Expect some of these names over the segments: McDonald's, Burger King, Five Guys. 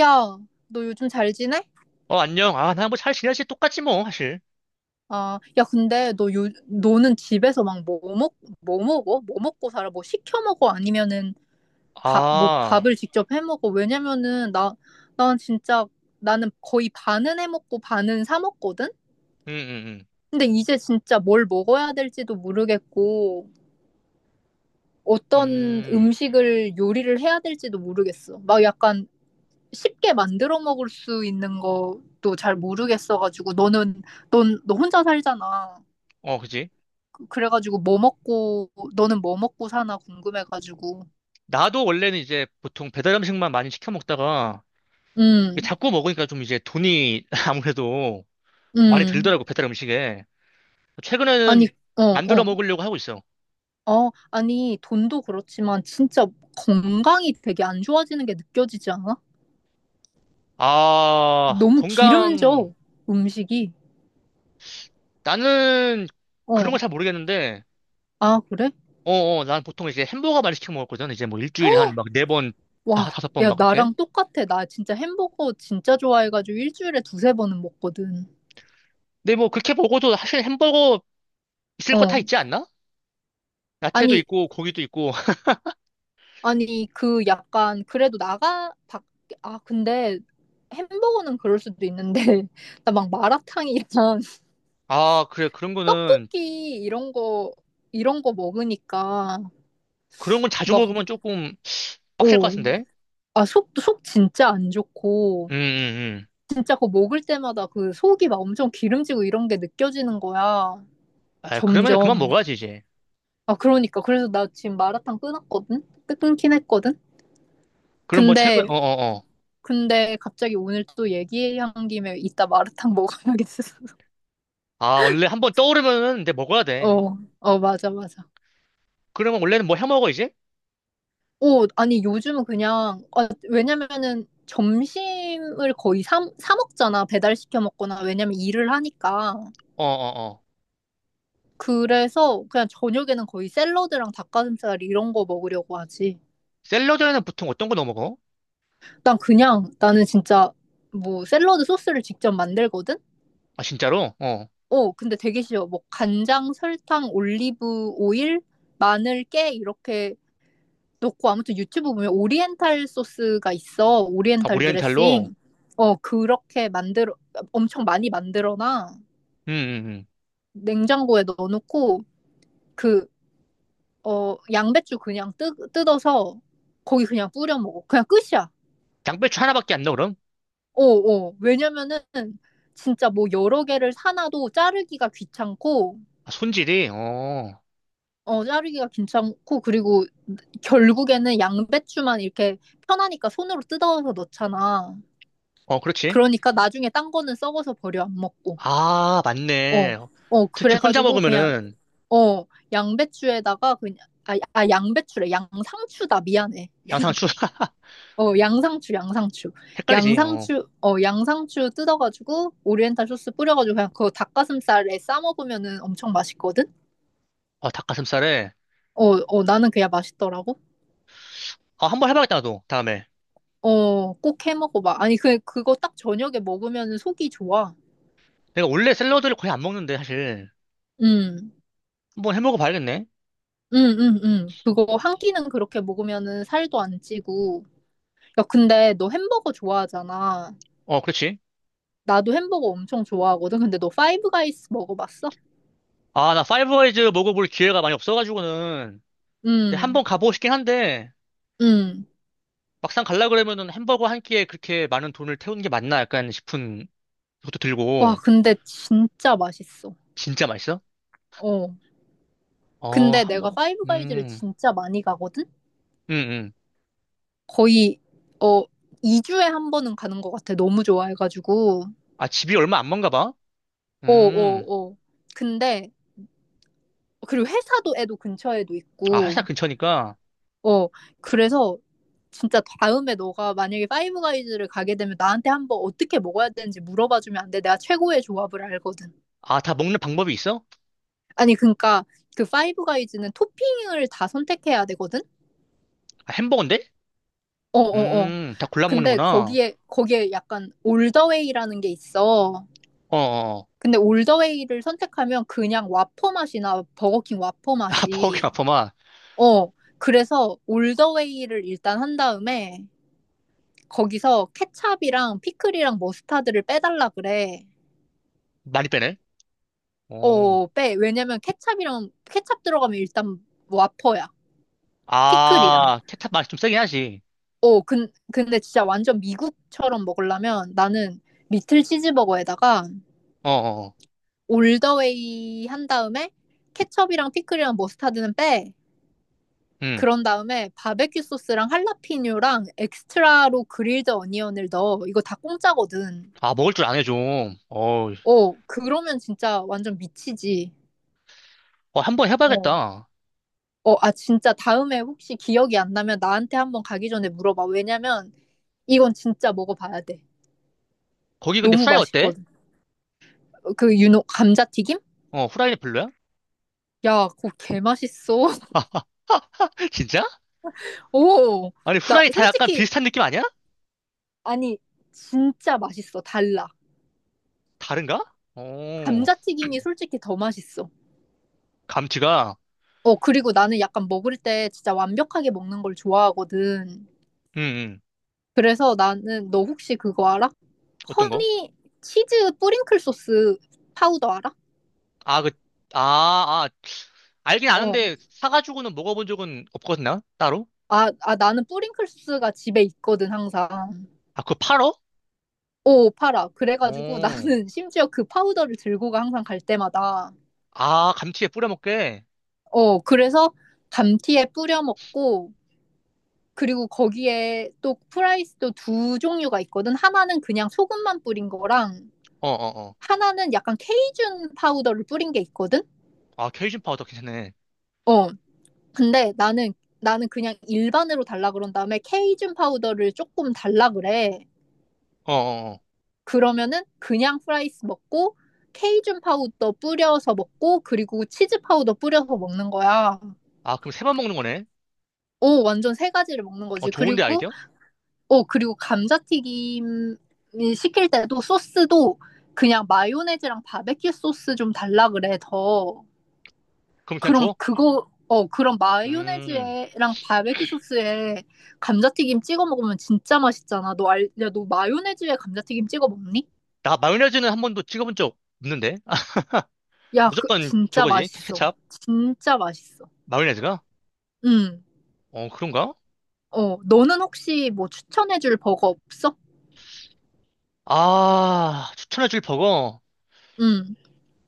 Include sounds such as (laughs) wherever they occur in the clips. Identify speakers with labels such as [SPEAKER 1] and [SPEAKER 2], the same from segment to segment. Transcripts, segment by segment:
[SPEAKER 1] 야, 너 요즘 잘 지내?
[SPEAKER 2] 어, 안녕. 아, 나 뭐 잘 지내지? 똑같지 뭐, 사실.
[SPEAKER 1] 아, 야, 근데 너는 집에서 막 뭐 먹어? 뭐 먹고 살아? 뭐 시켜 먹어? 아니면은 뭐
[SPEAKER 2] 아,
[SPEAKER 1] 밥을 직접 해 먹어? 왜냐면은 나, 난 진짜 나는 거의 반은 해 먹고 반은 사 먹거든?
[SPEAKER 2] 음, 음,
[SPEAKER 1] 근데 이제 진짜 뭘 먹어야 될지도 모르겠고 어떤
[SPEAKER 2] 음. 음,
[SPEAKER 1] 음식을 요리를 해야 될지도 모르겠어. 막 약간 쉽게 만들어 먹을 수 있는 것도 잘 모르겠어가지고 너 혼자 살잖아.
[SPEAKER 2] 어, 그지?
[SPEAKER 1] 그래가지고 뭐 먹고 너는 뭐 먹고 사나 궁금해가지고.
[SPEAKER 2] 나도 원래는 이제 보통 배달 음식만 많이 시켜 먹다가 이게
[SPEAKER 1] 음,
[SPEAKER 2] 자꾸 먹으니까 좀 이제 돈이 (laughs) 아무래도 많이
[SPEAKER 1] 음.
[SPEAKER 2] 들더라고, 배달 음식에.
[SPEAKER 1] 아니,
[SPEAKER 2] 최근에는
[SPEAKER 1] 어,
[SPEAKER 2] 만들어
[SPEAKER 1] 어.
[SPEAKER 2] 먹으려고 하고 있어.
[SPEAKER 1] 어, 아니, 돈도 그렇지만 진짜 건강이 되게 안 좋아지는 게 느껴지지 않아?
[SPEAKER 2] 아,
[SPEAKER 1] 너무
[SPEAKER 2] 건강,
[SPEAKER 1] 기름져, 음식이.
[SPEAKER 2] 나는 그런
[SPEAKER 1] 어.
[SPEAKER 2] 걸 잘 모르겠는데,
[SPEAKER 1] 아, 그래?
[SPEAKER 2] 어, 어, 난 보통 이제 햄버거 많이 시켜 먹었거든. 이제 뭐 일주일에 한 막 네 번,
[SPEAKER 1] 와,
[SPEAKER 2] 다섯 번
[SPEAKER 1] 야,
[SPEAKER 2] 막 그렇게.
[SPEAKER 1] 나랑 똑같아. 나 진짜 햄버거 진짜 좋아해가지고 일주일에 두세 번은 먹거든.
[SPEAKER 2] 근데 뭐 그렇게 먹어도 사실 햄버거 있을 거 다
[SPEAKER 1] 어.
[SPEAKER 2] 있지 않나? 야채도
[SPEAKER 1] 아니,
[SPEAKER 2] 있고 고기도 있고. (laughs)
[SPEAKER 1] 아니, 그 약간 그래도 나가 밖 아 근데 햄버거는 그럴 수도 있는데 (laughs) 나 막 마라탕이랑 (laughs)
[SPEAKER 2] 아, 그래. 그런 거는
[SPEAKER 1] 떡볶이 이런 거 이런 거 먹으니까
[SPEAKER 2] 그런 건 자주
[SPEAKER 1] 막.
[SPEAKER 2] 먹으면 조금 빡셀 것
[SPEAKER 1] 오.
[SPEAKER 2] 같은데.
[SPEAKER 1] 아, 속 진짜 안
[SPEAKER 2] 음,
[SPEAKER 1] 좋고,
[SPEAKER 2] 음, 음.
[SPEAKER 1] 진짜 그거 먹을 때마다 그 속이 막 엄청 기름지고 이런 게 느껴지는 거야.
[SPEAKER 2] 아, 그러면은 그만
[SPEAKER 1] 점점.
[SPEAKER 2] 먹어야지 이제.
[SPEAKER 1] 아, 그러니까. 그래서 나 지금 마라탕 끊었거든? 끊긴 했거든?
[SPEAKER 2] 그럼 뭐 최근
[SPEAKER 1] 근데
[SPEAKER 2] 어, 어, 어.
[SPEAKER 1] 근데 갑자기 오늘 또 얘기한 김에 이따 마라탕 (laughs) 먹어야겠어.
[SPEAKER 2] 아, 원래 한번 떠오르면은 이제 먹어야 돼.
[SPEAKER 1] 어, 어, 맞아, 맞아.
[SPEAKER 2] 그러면 원래는 뭐 해 먹어 이제?
[SPEAKER 1] 오, 아니, 요즘은 그냥, 아, 왜냐면은 점심을 거의 사 먹잖아. 배달시켜 먹거나, 왜냐면 일을 하니까.
[SPEAKER 2] 어, 어, 어.
[SPEAKER 1] 그래서 그냥 저녁에는 거의 샐러드랑 닭가슴살 이런 거 먹으려고 하지.
[SPEAKER 2] 샐러드에는 보통 어떤 거 넣어 먹어?
[SPEAKER 1] 나는 진짜 뭐 샐러드 소스를 직접 만들거든?
[SPEAKER 2] 아, 진짜로? 어.
[SPEAKER 1] 어, 근데 되게 쉬워. 뭐 간장, 설탕, 올리브 오일, 마늘, 깨 이렇게 넣고 아무튼 유튜브 보면 오리엔탈 소스가 있어.
[SPEAKER 2] 아,
[SPEAKER 1] 오리엔탈
[SPEAKER 2] 오리엔탈로.
[SPEAKER 1] 드레싱. 어, 그렇게 만들어, 엄청 많이 만들어놔.
[SPEAKER 2] 음, 음, 음.
[SPEAKER 1] 냉장고에 넣어놓고, 그, 어, 양배추 그냥 뜯어서 거기 그냥 뿌려 먹어. 그냥 끝이야.
[SPEAKER 2] 양배추 하나밖에 안 넣어 그럼?
[SPEAKER 1] 어, 어. 왜냐면은 진짜 뭐 여러 개를 사놔도
[SPEAKER 2] 아, 손질이. 어.
[SPEAKER 1] 자르기가 귀찮고, 그리고 결국에는 양배추만 이렇게 편하니까 손으로 뜯어서 넣잖아.
[SPEAKER 2] 어, 그렇지.
[SPEAKER 1] 그러니까 나중에 딴 거는 썩어서 버려 안 먹고.
[SPEAKER 2] 아,
[SPEAKER 1] 어.
[SPEAKER 2] 맞네.
[SPEAKER 1] 어,
[SPEAKER 2] 특히 혼자
[SPEAKER 1] 그래가지고 그냥.
[SPEAKER 2] 먹으면은
[SPEAKER 1] 어, 양배추에다가 그냥. 아, 아 양배추래. 양상추다. 미안해.
[SPEAKER 2] 양상추. (laughs)
[SPEAKER 1] 어, 양상추, 양상추.
[SPEAKER 2] 헷갈리지. 어.
[SPEAKER 1] 양상추, 양상추 뜯어가지고 오리엔탈 소스 뿌려가지고 그냥 그거 닭가슴살에 싸 먹으면은 엄청 맛있거든.
[SPEAKER 2] 아, 닭가슴살에.
[SPEAKER 1] 어, 어, 나는 그냥 맛있더라고.
[SPEAKER 2] 아, 한번 해봐야겠다, 나도. 다음에.
[SPEAKER 1] 어, 꼭 해 먹어봐. 아니, 그거 딱 저녁에 먹으면 은 속이 좋아.
[SPEAKER 2] 내가 원래 샐러드를 거의 안 먹는데, 사실.
[SPEAKER 1] 음,
[SPEAKER 2] 한번 해먹어 봐야겠네.
[SPEAKER 1] 그거 한 끼는 그렇게 먹으면은 살도 안 찌고, 야, 근데 너 햄버거 좋아하잖아.
[SPEAKER 2] 어, 그렇지.
[SPEAKER 1] 나도 햄버거 엄청 좋아하거든. 근데 너 파이브 가이스 먹어봤어?
[SPEAKER 2] 아, 나 파이브와이즈 먹어볼 기회가 많이 없어가지고는. 근데
[SPEAKER 1] 응,
[SPEAKER 2] 한번 가보고 싶긴 한데,
[SPEAKER 1] 응.
[SPEAKER 2] 막상 갈라 그러면은 햄버거 한 끼에 그렇게 많은 돈을 태우는 게 맞나 약간 싶은 것도
[SPEAKER 1] 와,
[SPEAKER 2] 들고.
[SPEAKER 1] 근데 진짜 맛있어.
[SPEAKER 2] 진짜 맛있어?
[SPEAKER 1] 어.
[SPEAKER 2] 어,
[SPEAKER 1] 근데 내가
[SPEAKER 2] 한번.
[SPEAKER 1] 파이브 가이즈를
[SPEAKER 2] 음,
[SPEAKER 1] 진짜 많이 가거든?
[SPEAKER 2] 음, 음.
[SPEAKER 1] 거의, 어, 2주에 한 번은 가는 것 같아. 너무 좋아해가지고.
[SPEAKER 2] 아, 집이 얼마 안 먼가 봐?
[SPEAKER 1] 어,
[SPEAKER 2] 음.
[SPEAKER 1] 어, 어. 근데, 그리고 회사도 애도 근처에도
[SPEAKER 2] 아,
[SPEAKER 1] 있고.
[SPEAKER 2] 회사 근처니까.
[SPEAKER 1] 어, 그래서 진짜 다음에 너가 만약에 파이브 가이즈를 가게 되면 나한테 한번 어떻게 먹어야 되는지 물어봐주면 안 돼. 내가 최고의 조합을 알거든.
[SPEAKER 2] 아, 다 먹는 방법이 있어?
[SPEAKER 1] 아니, 그러니까 그 파이브 가이즈는 토핑을 다 선택해야 되거든?
[SPEAKER 2] 아, 햄버거인데?
[SPEAKER 1] 어, 어, 어.
[SPEAKER 2] 다 골라
[SPEAKER 1] 근데
[SPEAKER 2] 먹는구나.
[SPEAKER 1] 거기에 약간 올더웨이라는 게 있어.
[SPEAKER 2] 어어.
[SPEAKER 1] 근데 올더웨이를 선택하면 그냥 와퍼 맛이나 버거킹 와퍼
[SPEAKER 2] 아, (laughs) 버거킹
[SPEAKER 1] 맛이.
[SPEAKER 2] 아퍼마.
[SPEAKER 1] 어, 그래서 올더웨이를 일단 한 다음에 거기서 케찹이랑 피클이랑 머스타드를 빼달라 그래.
[SPEAKER 2] 많이 빼네. 어.
[SPEAKER 1] 어, 빼. 왜냐면 케찹 들어가면 일단 와퍼야. 피클이랑.
[SPEAKER 2] 아, 케찹 맛이 좀 세긴 하지.
[SPEAKER 1] 어, 근데 진짜 완전 미국처럼 먹으려면 나는 리틀 치즈버거에다가
[SPEAKER 2] 어, 어, 어.
[SPEAKER 1] 올더웨이 한 다음에 케첩이랑 피클이랑 머스타드는 빼.
[SPEAKER 2] 음.
[SPEAKER 1] 그런 다음에 바베큐 소스랑 할라피뇨랑 엑스트라로 그릴드 어니언을 넣어. 이거 다 공짜거든.
[SPEAKER 2] 아, 먹을 줄 아네, 좀. 어,
[SPEAKER 1] 어, 그러면 진짜 완전 미치지.
[SPEAKER 2] 어, 한번
[SPEAKER 1] 어.
[SPEAKER 2] 해봐야겠다.
[SPEAKER 1] 어, 아, 진짜 다음에 혹시 기억이 안 나면 나한테 한번 가기 전에 물어봐. 왜냐면 이건 진짜 먹어봐야 돼.
[SPEAKER 2] 거기 근데
[SPEAKER 1] 너무
[SPEAKER 2] 후라이 어때?
[SPEAKER 1] 맛있거든. 어, 그 유노 감자튀김?
[SPEAKER 2] 어, 후라이는 별로야?
[SPEAKER 1] 야, 그거 개 맛있어.
[SPEAKER 2] (laughs)
[SPEAKER 1] (laughs)
[SPEAKER 2] 아, 진짜?
[SPEAKER 1] 오,
[SPEAKER 2] 아니,
[SPEAKER 1] 나
[SPEAKER 2] 후라이 다 약간
[SPEAKER 1] 솔직히.
[SPEAKER 2] 비슷한 느낌 아니야?
[SPEAKER 1] 아니, 진짜 맛있어. 달라.
[SPEAKER 2] 다른가? 어,
[SPEAKER 1] 감자튀김이 솔직히 더 맛있어.
[SPEAKER 2] 감튀가,
[SPEAKER 1] 어, 그리고 나는 약간 먹을 때 진짜 완벽하게 먹는 걸 좋아하거든.
[SPEAKER 2] 음, 음.
[SPEAKER 1] 그래서 나는 너 혹시 그거 알아?
[SPEAKER 2] 어떤 거?
[SPEAKER 1] 허니 치즈 뿌링클 소스 파우더 알아?
[SPEAKER 2] 아, 그, 아, 아, 알긴
[SPEAKER 1] 어.
[SPEAKER 2] 아는데, 사가지고는 먹어본 적은 없거든, 나? 따로?
[SPEAKER 1] 아, 아, 나는 뿌링클스가 집에 있거든, 항상.
[SPEAKER 2] 아, 그거 팔어?
[SPEAKER 1] 오, 팔아. 그래가지고 (laughs)
[SPEAKER 2] 어.
[SPEAKER 1] 나는 심지어 그 파우더를 들고 가, 항상 갈 때마다.
[SPEAKER 2] 아, 감튀에 뿌려 먹게.
[SPEAKER 1] 어, 그래서 감티에 뿌려 먹고, 그리고 거기에 또 프라이스도 두 종류가 있거든. 하나는 그냥 소금만 뿌린 거랑,
[SPEAKER 2] 어어어.
[SPEAKER 1] 하나는 약간 케이준 파우더를 뿌린 게 있거든?
[SPEAKER 2] 아, 케이준 파우더 괜찮네.
[SPEAKER 1] 어, 근데 나는 그냥 일반으로 달라 그런 다음에 케이준 파우더를 조금 달라 그래.
[SPEAKER 2] 어, 어, 어.
[SPEAKER 1] 그러면은 그냥 프라이스 먹고 케이준 파우더 뿌려서 먹고 그리고 치즈 파우더 뿌려서 먹는 거야.
[SPEAKER 2] 아, 그럼 세 번 먹는 거네?
[SPEAKER 1] 오, 완전 세 가지를 먹는
[SPEAKER 2] 어,
[SPEAKER 1] 거지.
[SPEAKER 2] 좋은데, 아이디어?
[SPEAKER 1] 그리고 감자튀김 시킬 때도 소스도 그냥 마요네즈랑 바베큐 소스 좀 달라 그래 더.
[SPEAKER 2] 그럼 그냥
[SPEAKER 1] 그럼
[SPEAKER 2] 줘?
[SPEAKER 1] 그거 어 그럼
[SPEAKER 2] 음,
[SPEAKER 1] 마요네즈랑 바베큐 소스에 감자튀김 찍어 먹으면 진짜 맛있잖아. 야, 너 마요네즈에 감자튀김 찍어 먹니?
[SPEAKER 2] 나 마요네즈는 한 번도 찍어본 적 없는데? 아,
[SPEAKER 1] 야, 그
[SPEAKER 2] 무조건
[SPEAKER 1] 진짜
[SPEAKER 2] 저거지,
[SPEAKER 1] 맛있어.
[SPEAKER 2] 케찹?
[SPEAKER 1] 진짜 맛있어.
[SPEAKER 2] 마요네즈가?
[SPEAKER 1] 음.
[SPEAKER 2] 어, 그런가?
[SPEAKER 1] 어, 너는 혹시 뭐 추천해줄 버거 없어?
[SPEAKER 2] 아, 추천해줄 버거.
[SPEAKER 1] 음.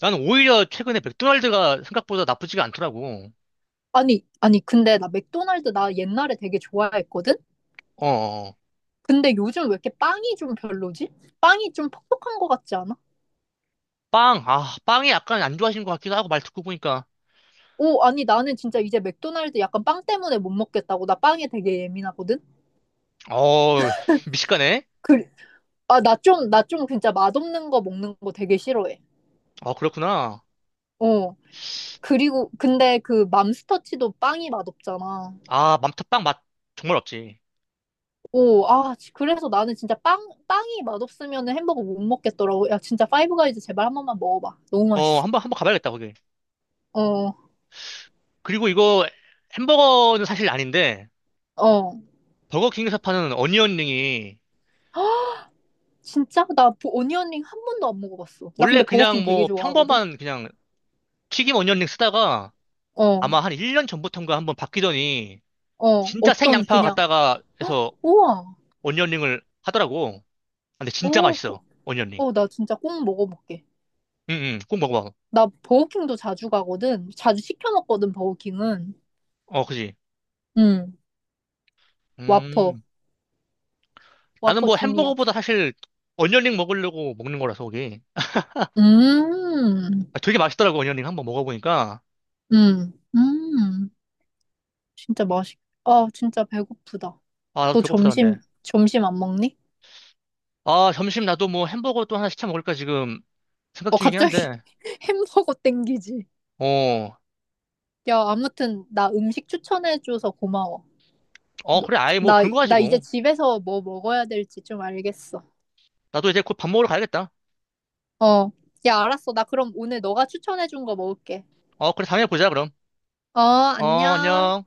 [SPEAKER 2] 나는 오히려 최근에 맥도날드가 생각보다 나쁘지가 않더라고.
[SPEAKER 1] 아니, 아니, 근데 나 맥도날드 나 옛날에 되게 좋아했거든?
[SPEAKER 2] 어, 어. 어.
[SPEAKER 1] 근데 요즘 왜 이렇게 빵이 좀 별로지? 빵이 좀 퍽퍽한 것 같지 않아?
[SPEAKER 2] 빵, 아, 빵이 약간 안 좋아하시는 것 같기도 하고, 말 듣고 보니까.
[SPEAKER 1] 오, 아니, 나는 진짜 이제 맥도날드 약간 빵 때문에 못 먹겠다고. 나 빵에 되게 예민하거든?
[SPEAKER 2] 어, 미식가네?
[SPEAKER 1] 그, 아, 나 좀 진짜 맛없는 거 먹는 거 되게 싫어해.
[SPEAKER 2] 어, 그렇구나.
[SPEAKER 1] 어. 근데 그 맘스터치도 빵이 맛없잖아.
[SPEAKER 2] 아, 맘터빵 맛 정말 없지.
[SPEAKER 1] 오, 아, 그래서 나는 진짜 빵이 맛없으면 햄버거 못 먹겠더라고. 야, 진짜 파이브가이즈 제발 한 번만 먹어봐. 너무
[SPEAKER 2] 어,
[SPEAKER 1] 맛있어.
[SPEAKER 2] 한번, 한번 가봐야겠다, 거기.
[SPEAKER 1] 어,
[SPEAKER 2] 그리고 이거 햄버거는 사실 아닌데
[SPEAKER 1] 어.
[SPEAKER 2] 버거킹에서 파는 어니언링이
[SPEAKER 1] 진짜? 나 오니언링 한 번도 안 먹어봤어. 나
[SPEAKER 2] 원래
[SPEAKER 1] 근데 버거킹
[SPEAKER 2] 그냥
[SPEAKER 1] 되게
[SPEAKER 2] 뭐
[SPEAKER 1] 좋아하거든?
[SPEAKER 2] 평범한 그냥 튀김 어니언링 쓰다가
[SPEAKER 1] 어,
[SPEAKER 2] 아마 한 1년 전부터인가 한번 바뀌더니
[SPEAKER 1] 어.
[SPEAKER 2] 진짜
[SPEAKER 1] 어떤
[SPEAKER 2] 생양파
[SPEAKER 1] 그냥,
[SPEAKER 2] 갖다가
[SPEAKER 1] 헉,
[SPEAKER 2] 해서
[SPEAKER 1] 우와.
[SPEAKER 2] 어니언링을 하더라고. 아, 근데 진짜
[SPEAKER 1] 어,
[SPEAKER 2] 맛있어. 어니언링.
[SPEAKER 1] 어, 나 진짜 꼭 먹어볼게.
[SPEAKER 2] 응응. 꼭 먹어봐.
[SPEAKER 1] 나 버거킹도 자주 가거든. 자주 시켜 먹거든, 버거킹은.
[SPEAKER 2] 어, 그지.
[SPEAKER 1] 음, 와퍼.
[SPEAKER 2] 음. 나는
[SPEAKER 1] 와퍼
[SPEAKER 2] 뭐
[SPEAKER 1] 주니어.
[SPEAKER 2] 햄버거보다 사실 어니언링 먹으려고 먹는 거라서 그게.
[SPEAKER 1] 음,
[SPEAKER 2] 아, 되게 맛있더라고 어니언링 한번 먹어보니까.
[SPEAKER 1] 음, 음. 진짜 맛있 아, 진짜 배고프다.
[SPEAKER 2] 아, 나도
[SPEAKER 1] 너
[SPEAKER 2] 배고프다 근데.
[SPEAKER 1] 점심 안 먹니?
[SPEAKER 2] 아, 점심 나도 뭐 햄버거 또 하나 시켜 먹을까 지금 생각
[SPEAKER 1] 어,
[SPEAKER 2] 중이긴
[SPEAKER 1] 갑자기
[SPEAKER 2] 한데.
[SPEAKER 1] (laughs) 햄버거 땡기지.
[SPEAKER 2] 어,
[SPEAKER 1] 야, 아무튼, 나 음식 추천해줘서 고마워.
[SPEAKER 2] 어,
[SPEAKER 1] 너-
[SPEAKER 2] 그래. 아예 뭐 그런 거
[SPEAKER 1] 나 이제
[SPEAKER 2] 가지고.
[SPEAKER 1] 집에서 뭐 먹어야 될지 좀 알겠어.
[SPEAKER 2] 나도 이제 곧 밥 먹으러 가야겠다.
[SPEAKER 1] 어, 야, 알았어. 나 그럼 오늘 너가 추천해준 거 먹을게.
[SPEAKER 2] 어, 그래. 다음에 보자, 그럼.
[SPEAKER 1] 어,
[SPEAKER 2] 어,
[SPEAKER 1] 안녕.
[SPEAKER 2] 안녕.